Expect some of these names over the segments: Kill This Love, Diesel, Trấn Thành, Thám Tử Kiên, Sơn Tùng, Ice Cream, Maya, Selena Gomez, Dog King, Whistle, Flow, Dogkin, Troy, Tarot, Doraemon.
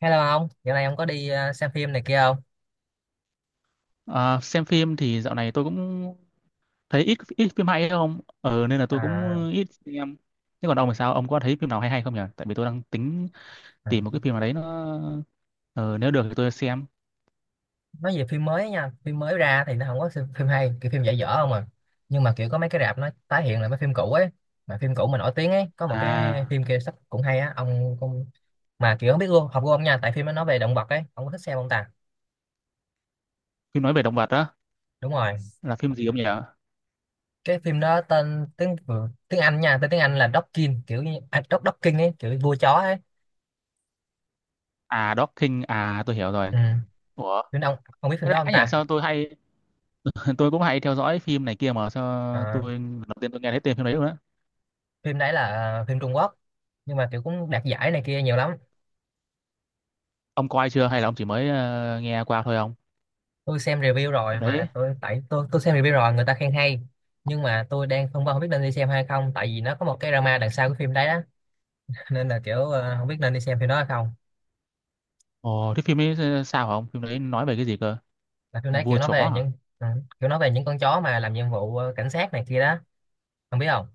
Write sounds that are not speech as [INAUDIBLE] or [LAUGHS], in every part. Hello ông, dạo này ông có đi xem phim này kia không? À, xem phim thì dạo này tôi cũng thấy ít ít phim hay không? Ờ Nên là tôi À, cũng ít xem. Thế còn ông thì sao? Ông có thấy phim nào hay hay không nhỉ? Tại vì tôi đang tính à, tìm một cái phim nào đấy nó, ờ, nếu được thì tôi xem. nói về phim mới nha, phim mới ra thì nó không có phim hay, kiểu phim dở dở không à. Nhưng mà kiểu có mấy cái rạp nó tái hiện lại mấy phim cũ ấy, mà phim cũ mà nổi tiếng ấy, có một cái À, phim kia sắp cũng hay á, ông cũng mà kiểu không biết luôn, học của ông nha, tại phim nó nói về động vật ấy, ông có thích xem không ta? phim nói về động vật đó Đúng rồi, là phim gì ông nhỉ? cái phim đó tên tiếng tiếng Anh nha, tên tiếng Anh là Dogkin, kiểu như à, Dogkin ấy, kiểu vua chó ấy. À, Dog King. À, tôi hiểu rồi. Ừ, Ủa, phim đó ông biết phim cái đó không lạ nhỉ? ta? Sao tôi hay [LAUGHS] tôi cũng hay theo dõi phim này kia mà sao Ờ, tôi lần đầu tiên tôi nghe thấy tên phim đấy luôn á. phim đấy là phim Trung Quốc, nhưng mà kiểu cũng đạt giải này kia nhiều lắm. Ông coi chưa hay là ông chỉ mới nghe qua thôi ông? Tôi xem review rồi Phim mà đấy. tôi tại tôi xem review rồi, người ta khen hay, nhưng mà tôi đang phân vân không biết nên đi xem hay không, tại vì nó có một cái drama đằng sau cái phim đấy đó. [LAUGHS] Nên là kiểu không biết nên đi xem phim đó hay không. Ồ, thế phim ấy sao hả ông? Phim đấy nói về cái gì cơ? Là phim đấy kiểu Vua nói chó về à? những ừ, kiểu nói về những con chó mà làm nhiệm vụ cảnh sát này kia đó, không biết không.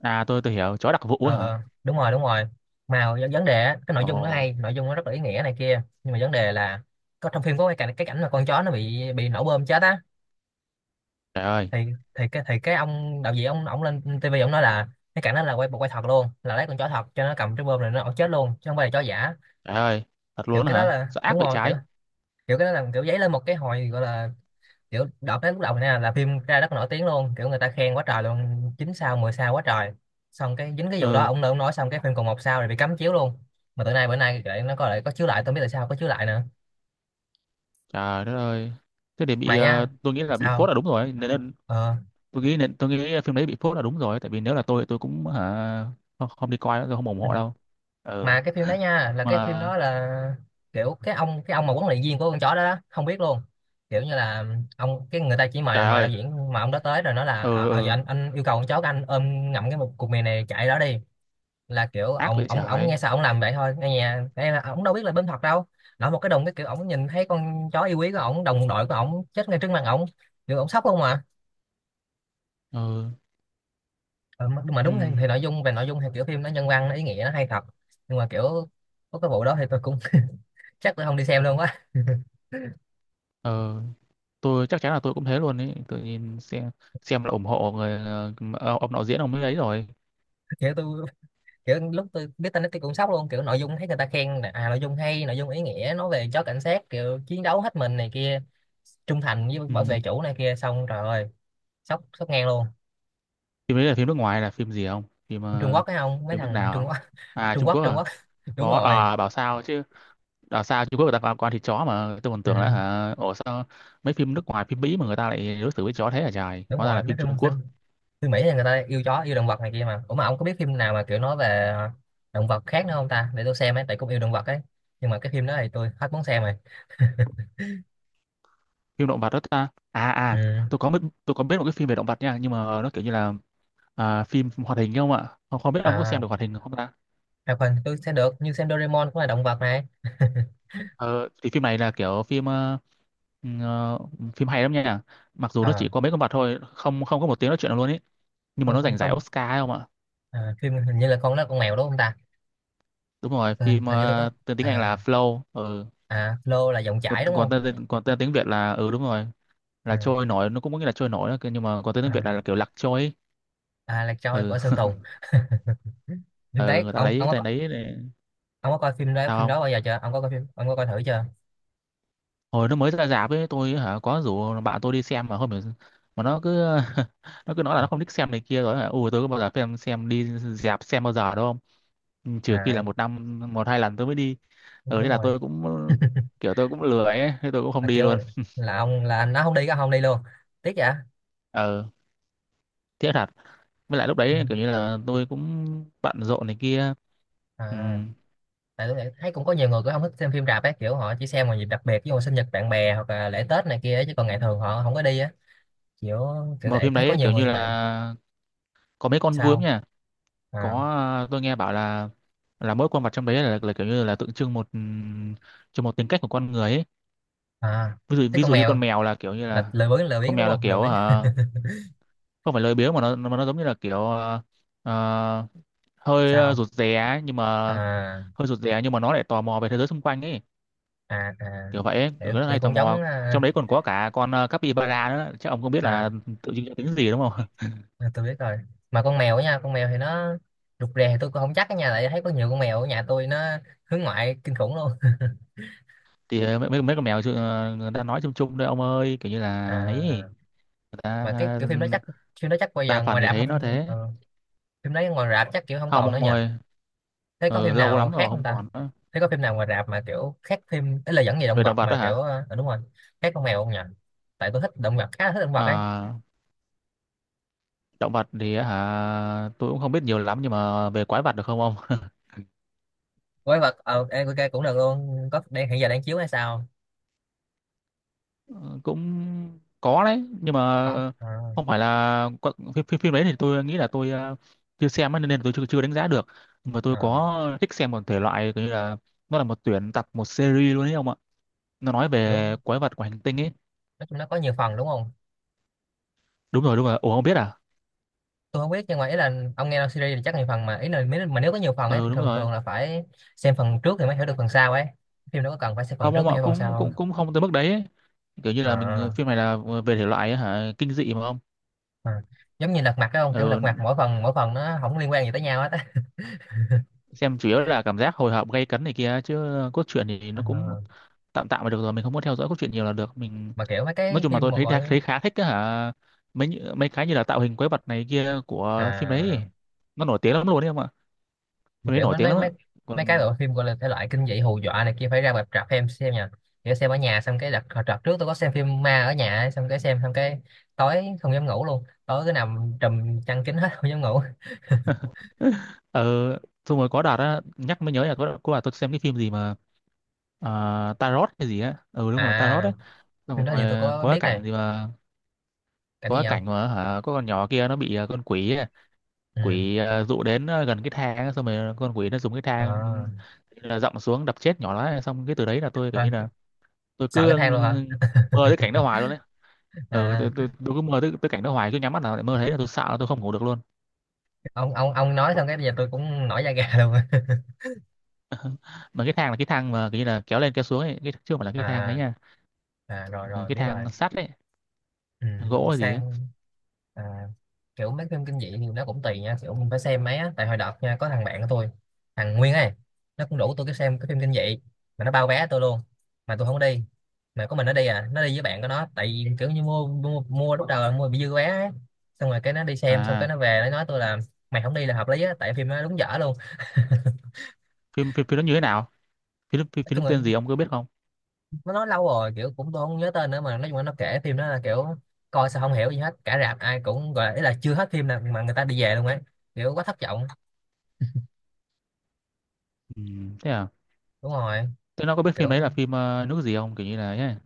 À, tôi hiểu, chó đặc vụ ờ á hả? ờ đúng rồi, đúng rồi. Mà vấn đề á, cái nội Ồ, dung nó hay, nội dung nó rất là ý nghĩa này kia, nhưng mà vấn đề là có trong phim có cái cảnh, cái cảnh mà con chó nó bị nổ bơm chết á. trời ơi, Thì cái ông đạo diễn ông lên tivi ông nói là cái cảnh đó là quay bộ quay thật luôn, là lấy con chó thật cho nó cầm cái bơm này, nó ổng chết luôn chứ không phải là chó giả. trời ơi, thật Kiểu luôn á cái đó hả? là Sao đúng ác vậy rồi, kiểu trái? kiểu cái đó là kiểu giấy lên một cái hồi, gọi là kiểu đợt đến lúc đầu này nè là phim ra rất là nổi tiếng luôn, kiểu người ta khen quá trời luôn, chín sao 10 sao quá trời. Xong cái dính cái vụ đó Ừ, ông nói, ông nói xong cái phim còn một sao rồi bị cấm chiếu luôn. Mà từ nay bữa nay lại nó có lại có chiếu lại, tôi không biết tại sao có chiếu lại nữa. trời đất ơi. Thế để Mà bị, nha, tôi nghĩ là bị phốt sao, là đúng rồi, nên, nên ờ tôi nghĩ nên tôi nghĩ phim đấy bị phốt là đúng rồi, tại vì nếu là tôi cũng hả, không, không đi coi nữa, tôi không ủng hộ đâu. Ừ, mà cái phim đó nha là cái phim mà đó là kiểu cái ông, cái ông mà huấn luyện viên của con chó đó, đó không biết luôn, kiểu như là ông cái người ta chỉ mời trời mời đạo ơi, diễn mà ông đó tới rồi nói là ừ, à, à, giờ ừ anh yêu cầu con chó của anh ôm ngậm cái một cục mì này chạy đó đi. Là kiểu ác ông vậy ông ông trái. nghe sao ông làm vậy thôi, nghe nhà cái ông đâu biết là bên thật đâu. Nói một cái đồng cái, kiểu ông nhìn thấy con chó yêu quý của ông, đồng đội của ông chết ngay trước mặt ông, kiểu ông sốc không à. Ừ, Ờ, mà ừ, đúng thì nội dung, về nội dung thì kiểu phim nó nhân văn, nó ý nghĩa, nó hay thật, nhưng mà kiểu có cái vụ đó thì tôi cũng [LAUGHS] chắc tôi không đi xem luôn quá. [LAUGHS] ừ, tôi chắc chắn là tôi cũng thế luôn ấy, tôi nhìn xem là ủng hộ người, ông đạo diễn ông ấy ấy rồi. Kiểu tôi, kiểu lúc tôi biết tin đó tôi cũng sốc luôn, kiểu nội dung thấy người ta khen là, à nội dung hay, nội dung ý nghĩa, nói về chó cảnh sát kiểu chiến đấu hết mình này kia, trung thành với Ừ. bảo vệ chủ này kia, xong trời ơi, sốc sốc ngang luôn. Phim đấy là phim nước ngoài là phim gì không? Phim Trung ờ, Quốc phải không, mấy Phim nước thằng Trung nào? Quốc. [LAUGHS] À, Trung Trung Quốc, Quốc Trung à? Quốc. [LAUGHS] Đúng Có rồi. à, bảo sao chứ. Bảo sao Trung Quốc người ta quan quan thịt chó mà tôi còn Ừ, tưởng là hả ủa sao mấy phim nước ngoài phim Mỹ mà người ta lại đối xử với chó thế hả trời. đúng Hóa ra là rồi, mấy phim phim, Trung phim Quốc, phim Mỹ thì người ta yêu chó, yêu động vật này kia, mà ủa mà ông có biết phim nào mà kiểu nói về động vật khác nữa không ta, để tôi xem ấy, tại cũng yêu động vật ấy, nhưng mà cái phim đó thì tôi hết muốn xem rồi. phim động vật đó ta. À [LAUGHS] à, Ừ. tôi có biết tôi có biết một cái phim về động vật nha, nhưng mà nó kiểu như là, à, phim hoạt hình không ạ? Không, không biết ông có xem à được hoạt hình không ta? Hoạt hình tôi xem được, như xem Doraemon cũng là động vật này. [LAUGHS] Ờ, thì phim này là kiểu phim, ừ, ờ, phim hay lắm nha. Mặc dù nó Ờ, chỉ có mấy con vật thôi, không không có một tiếng nói chuyện nào luôn ý. Nhưng mà không nó không giành giải không Oscar ấy không ạ? à, phim hình như là con đó con mèo đúng không ta. Đúng rồi, Ừ, phim, hình như tôi có, tên tiếng Anh à, là Flow. Ừ. à Flo là dòng Còn chảy đúng không, còn tên tiếng Việt là, ừ đúng rồi, là à, trôi nổi, nó cũng có nghĩa là trôi nổi đó, nhưng mà còn tên tiếng à, Việt là, kiểu lạc trôi ấy. à là Troy Ừ. của Sơn [LAUGHS] Tùng. [LAUGHS] Phim Ừ, đấy người ta ông lấy ông tên có, đấy để ông có coi phim đó, phim sao không? đó bao giờ chưa, ông có coi phim, ông có coi thử chưa? Hồi nó mới ra rạp ấy tôi hả có rủ bạn tôi đi xem mà không hiểu mà nó cứ [LAUGHS] nó cứ nói là Ờ, nó không thích xem này kia rồi hả ui tôi có bao giờ xem đi rạp xem bao giờ đâu không. Ừ, trừ khi là à một năm một hai lần tôi mới đi. Ừ thế đúng là rồi, tôi cũng kiểu tôi cũng lười ấy thế tôi cũng không à, đi kiểu luôn. là ông là anh nó không đi, có không đi luôn, tiếc vậy. Ừ, tiếc thật. Với lại lúc Ừ. đấy kiểu như là tôi cũng bận rộn này kia. Ừ. À, tại tôi thấy cũng có nhiều người cũng không thích xem phim rạp ấy, kiểu họ chỉ xem vào dịp đặc biệt như sinh nhật bạn bè hoặc là lễ Tết này kia ấy, chứ Ừ. còn ngày thường họ không có đi á, kiểu kiểu Mà vậy, phim thấy có đấy nhiều kiểu người như như vậy. là có mấy con vướng Sao, nha, à có tôi nghe bảo là mỗi con vật trong đấy là kiểu như là tượng trưng một, cho một tính cách của con người ấy. à, Ví dụ thế ví con dụ như mèo con mèo là kiểu như là là lười biếng, lười con biếng đúng mèo là không, lười kiểu biếng. hả không phải lười biếng mà nó giống như là kiểu, ờ, hơi, Sao, rụt rè ấy, nhưng mà à hơi rụt rè nhưng mà nó lại tò mò về thế giới xung quanh ấy, à, à kiểu vậy ấy, kiểu kiểu, rất kiểu hay tò cũng mò. giống Trong à, đấy còn có cả con, capybara nữa chắc ông không biết à, là tượng trưng cho tính gì đúng không. à, tôi biết rồi. Mà con mèo á nha, con mèo thì nó rụt rè, thì tôi cũng không chắc, ở nhà lại thấy có nhiều con mèo, ở nhà tôi nó hướng ngoại kinh khủng luôn. [LAUGHS] Thì ờ, mấy mấy mấy con mèo chứ, ờ, người ta nói chung chung đấy ông ơi kiểu như [LAUGHS] À, là ấy người ta mà cái ờ, kiểu phim đó chắc, phim đó chắc bây đa giờ phần ngoài thì rạp thấy nó không. thế. Ừ. Phim đấy ngoài rạp chắc kiểu không Không còn nữa ông nhỉ, ơi. thế có Ừ, phim lâu nào lắm khác rồi không không ta, còn nữa. thế có phim nào ngoài rạp mà kiểu khác phim ấy, là dẫn về động Về động vật vật đó mà kiểu hả? Đúng rồi, khác con mèo không nhỉ, tại tôi thích động vật, khá là thích động vật ấy. À, động vật thì á hả tôi cũng không biết nhiều lắm nhưng mà về quái vật được không ông? [LAUGHS] Quái vật ok cũng được luôn, có đang hiện giờ đang chiếu hay sao, Ừ, cũng có đấy nhưng mà có à, không phải là có- phim đấy thì tôi nghĩ là tôi, chưa xem ấy, nên là tôi chưa, chưa đánh giá được. Nhưng mà tôi à, có thích xem một thể loại kiểu như là nó là một tuyển tập một series luôn đấy ông ạ. Nó nói kiểu về quái vật của hành tinh ấy. nói chung nó có nhiều phần đúng không. Đúng rồi. Ủa không biết à? Tôi không biết, nhưng mà ý là ông nghe series thì chắc nhiều phần, mà ý là mà nếu có nhiều phần ấy Ừ thì đúng thường rồi. thường là phải xem phần trước thì mới hiểu được phần sau ấy, phim đâu có cần phải xem phần Không trước ông mới ạ, hiểu phần sau cũng cũng không? cũng không tới mức đấy ấy. Kiểu như là mình À phim này là, về thể loại ấy, hả kinh dị mà không? Ờ, giống như lật mặt, cái không kiểu Ừ, lật mặt mỗi phần, mỗi phần nó không liên quan gì tới nhau hết á. xem chủ yếu là cảm giác hồi hộp gay cấn này kia chứ cốt truyện thì Ờ, nó cũng tạm tạm là được rồi, mình không muốn theo dõi cốt truyện nhiều là được. Mình mà kiểu mấy nói cái chung là phim tôi mà thấy gọi thấy khá thích cái hả mấy như- mấy cái như là tạo hình quái vật này kia của phim đấy, à, nó nổi tiếng lắm luôn đấy em ạ. mà Phim đấy kiểu nổi nó tiếng nói lắm ạ. mấy, mấy cái Còn bộ phim gọi là thể loại kinh dị hù dọa này kia phải ra rạp, rạp em xem nha, kiểu xem ở nhà xong cái đặt hồi đợt trước tôi có xem phim ma ở nhà ấy, xong cái xem xong cái tối không dám ngủ luôn, tối cứ nằm trùm chăn kín hết, [LAUGHS] không dám ngủ. [LAUGHS] ờ, xong rồi có đợt á nhắc mới nhớ là có đợt tôi xem cái phim gì mà, Tarot hay gì á ừ đúng rồi Tarot À, đấy, phim xong đó thì tôi rồi có có cái biết này, cảnh gì mà cảnh có gì cái không, cảnh mà hả có con nhỏ kia nó bị, con quỷ ừ, quỷ, dụ đến, gần cái thang ấy, xong rồi con quỷ nó dùng cái Ờ, thang là dậm xuống đập chết nhỏ nó xong cái từ đấy là tôi kiểu như thôi, là tôi sợ cứ cái ừ, thang luôn hả. mơ tới cảnh [LAUGHS] đó hoài luôn đấy. Ừ, À, tôi cứ mơ tới, tới cảnh đó hoài cứ nhắm mắt nào lại mơ thấy là tôi sợ là tôi không ngủ được luôn. ông nói xong cái bây giờ tôi cũng nổi da gà luôn. [LAUGHS] Mà cái thang là cái thang mà kiểu như là kéo lên kéo xuống ấy cái chứ không phải là cái thang ấy À, nha. À, rồi Ừ, rồi cái biết thang rồi. sắt ấy Ừ. gỗ hay gì ấy. Sang, à, kiểu mấy phim kinh dị thì nó cũng tùy nha, kiểu mình phải xem mấy á, tại hồi đợt nha có thằng bạn của tôi, thằng Nguyên ấy, nó cũng đủ tôi cái xem cái phim kinh dị, mà nó bao vé tôi luôn, mà tôi không đi, mà có mình nó đi, à nó đi với bạn của nó, tại vì kiểu như mua mua lúc đầu là mua bị dư vé ấy. Xong rồi cái nó đi xem xong cái À, nó về nó nói tôi là mày không đi là hợp lý á, tại phim nó đúng dở luôn. phim phim phim nó như thế nào? phim phim, Nói phim nó chung là tên gì ông có biết không? nó nói lâu rồi, kiểu cũng tôi không nhớ tên nữa, mà nói chung là nó kể phim đó là kiểu coi sao không hiểu gì hết, cả rạp ai cũng gọi là, ý là chưa hết phim nào mà người ta đi về luôn ấy, kiểu quá thất vọng. Ừ, thế à. Đúng rồi, Thế nó có biết phim kiểu đấy là phim, nước gì không kiểu như là ấy,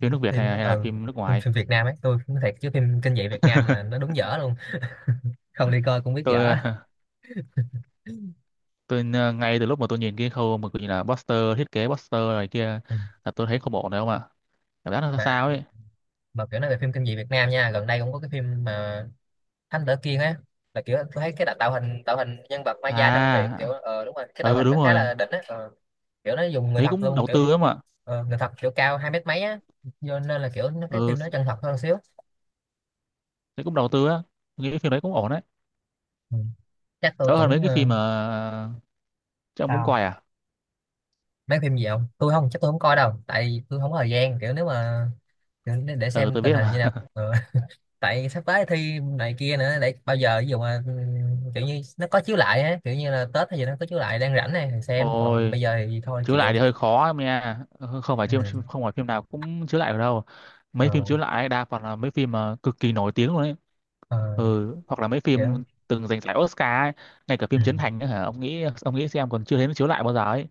phim nước Việt phim, hay, hay là ừ, phim nước phim, ngoài? phim Việt Nam ấy, tôi nói thiệt chứ phim kinh dị Việt Nam là [LAUGHS] nó đúng dở luôn, không đi coi cũng biết Tôi dở. ờ, tôi, ngay từ lúc mà tôi nhìn cái khâu mà gọi là poster thiết kế poster này kia Ừ. là tôi thấy không ổn đâu mà cảm giác nó mà sao ấy. mà kiểu nói về phim kinh dị Việt Nam nha, gần đây cũng có cái phim mà Thám Tử Kiên á, là kiểu tôi thấy cái tạo, tạo hình nhân vật Maya trong truyện kiểu À ờ đúng rồi cái tạo ừ hình nó đúng khá rồi, là đỉnh á, ờ, kiểu nó dùng người thấy thật cũng luôn, đầu tư kiểu lắm mà. Người thật kiểu cao hai mét mấy á, do nên là kiểu nó cái Ừ, phim nó chân thật hơn xíu. thấy cũng đầu tư á. Tôi nghĩ cái phim đấy cũng ổn đấy, Ừ. Chắc tôi đỡ hơn mấy cũng cái phim mà chứ ông cũng sao coi à. mấy phim gì không, tôi không chắc, tôi không coi đâu, tại tôi không có thời gian, kiểu nếu mà kiểu để Ừ xem tôi tình biết hình như mà. nào. [LAUGHS] Ờ, [LAUGHS] tại sắp tới thi này kia nữa, để bao giờ ví dụ mà kiểu như nó có chiếu lại á, kiểu như là Tết hay gì nó có chiếu lại đang rảnh này thì xem, còn Ôi, bây giờ thì thôi chiếu lại chịu. thì hơi khó em nha. Ừ, không phải phim Ừ. không phải phim nào cũng chiếu lại được đâu. Mấy ờ, phim chiếu lại đa phần là mấy phim mà cực kỳ nổi tiếng luôn ấy. ờ, Ừ, hoặc là mấy kiểu, phim từng giành giải Oscar ấy, ngay cả ừ. phim Trấn Thành ấy, hả ông nghĩ xem còn chưa thấy nó chiếu lại bao giờ ấy.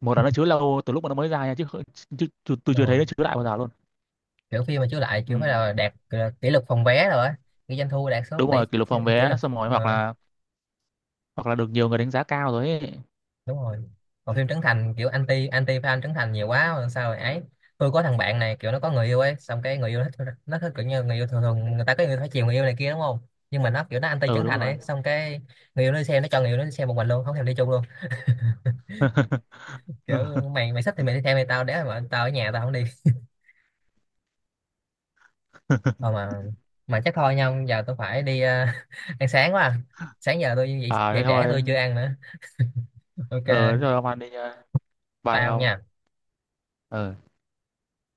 Một là nó chiếu lâu từ lúc mà nó mới ra nha chứ, không- chứ, chứ tôi chưa thấy Rồi. nó chiếu lại bao giờ luôn. Kiểu phim mà chiếu lại Ừ. kiểu phải là đạt kỷ lục phòng vé rồi á, cái doanh thu đạt số Đúng tỷ, rồi kỷ lục phòng kỷ vé lục. xong rồi Ờ, hoặc là được nhiều người đánh giá cao rồi ấy. đúng rồi, còn phim Trấn Thành kiểu anti anti fan Trấn Thành nhiều quá rồi sao rồi ấy. Tôi có thằng bạn này kiểu nó có người yêu ấy, xong cái người yêu nó thích, nó thích kiểu như người yêu, thường thường người ta có người phải chiều người yêu này kia đúng không, nhưng mà nó kiểu nó anti Ừ Trấn đúng Thành rồi. ấy, xong cái người yêu nó đi xem, nó cho người yêu nó đi xem một mình luôn, không thèm đi chung luôn, [LAUGHS] Ừ. kiểu mày mày thích thì mày đi theo mày, tao để mà tao ở nhà tao không đi. Thôi mà chắc thôi nha, giờ tôi phải đi [LAUGHS] ăn sáng quá à. Sáng giờ tôi dậy, À dậy thế trễ thôi, tôi chưa ăn nữa. ờ thế Ok, thôi ông ăn đi nha, bye bye ông ông. nha. Ờ.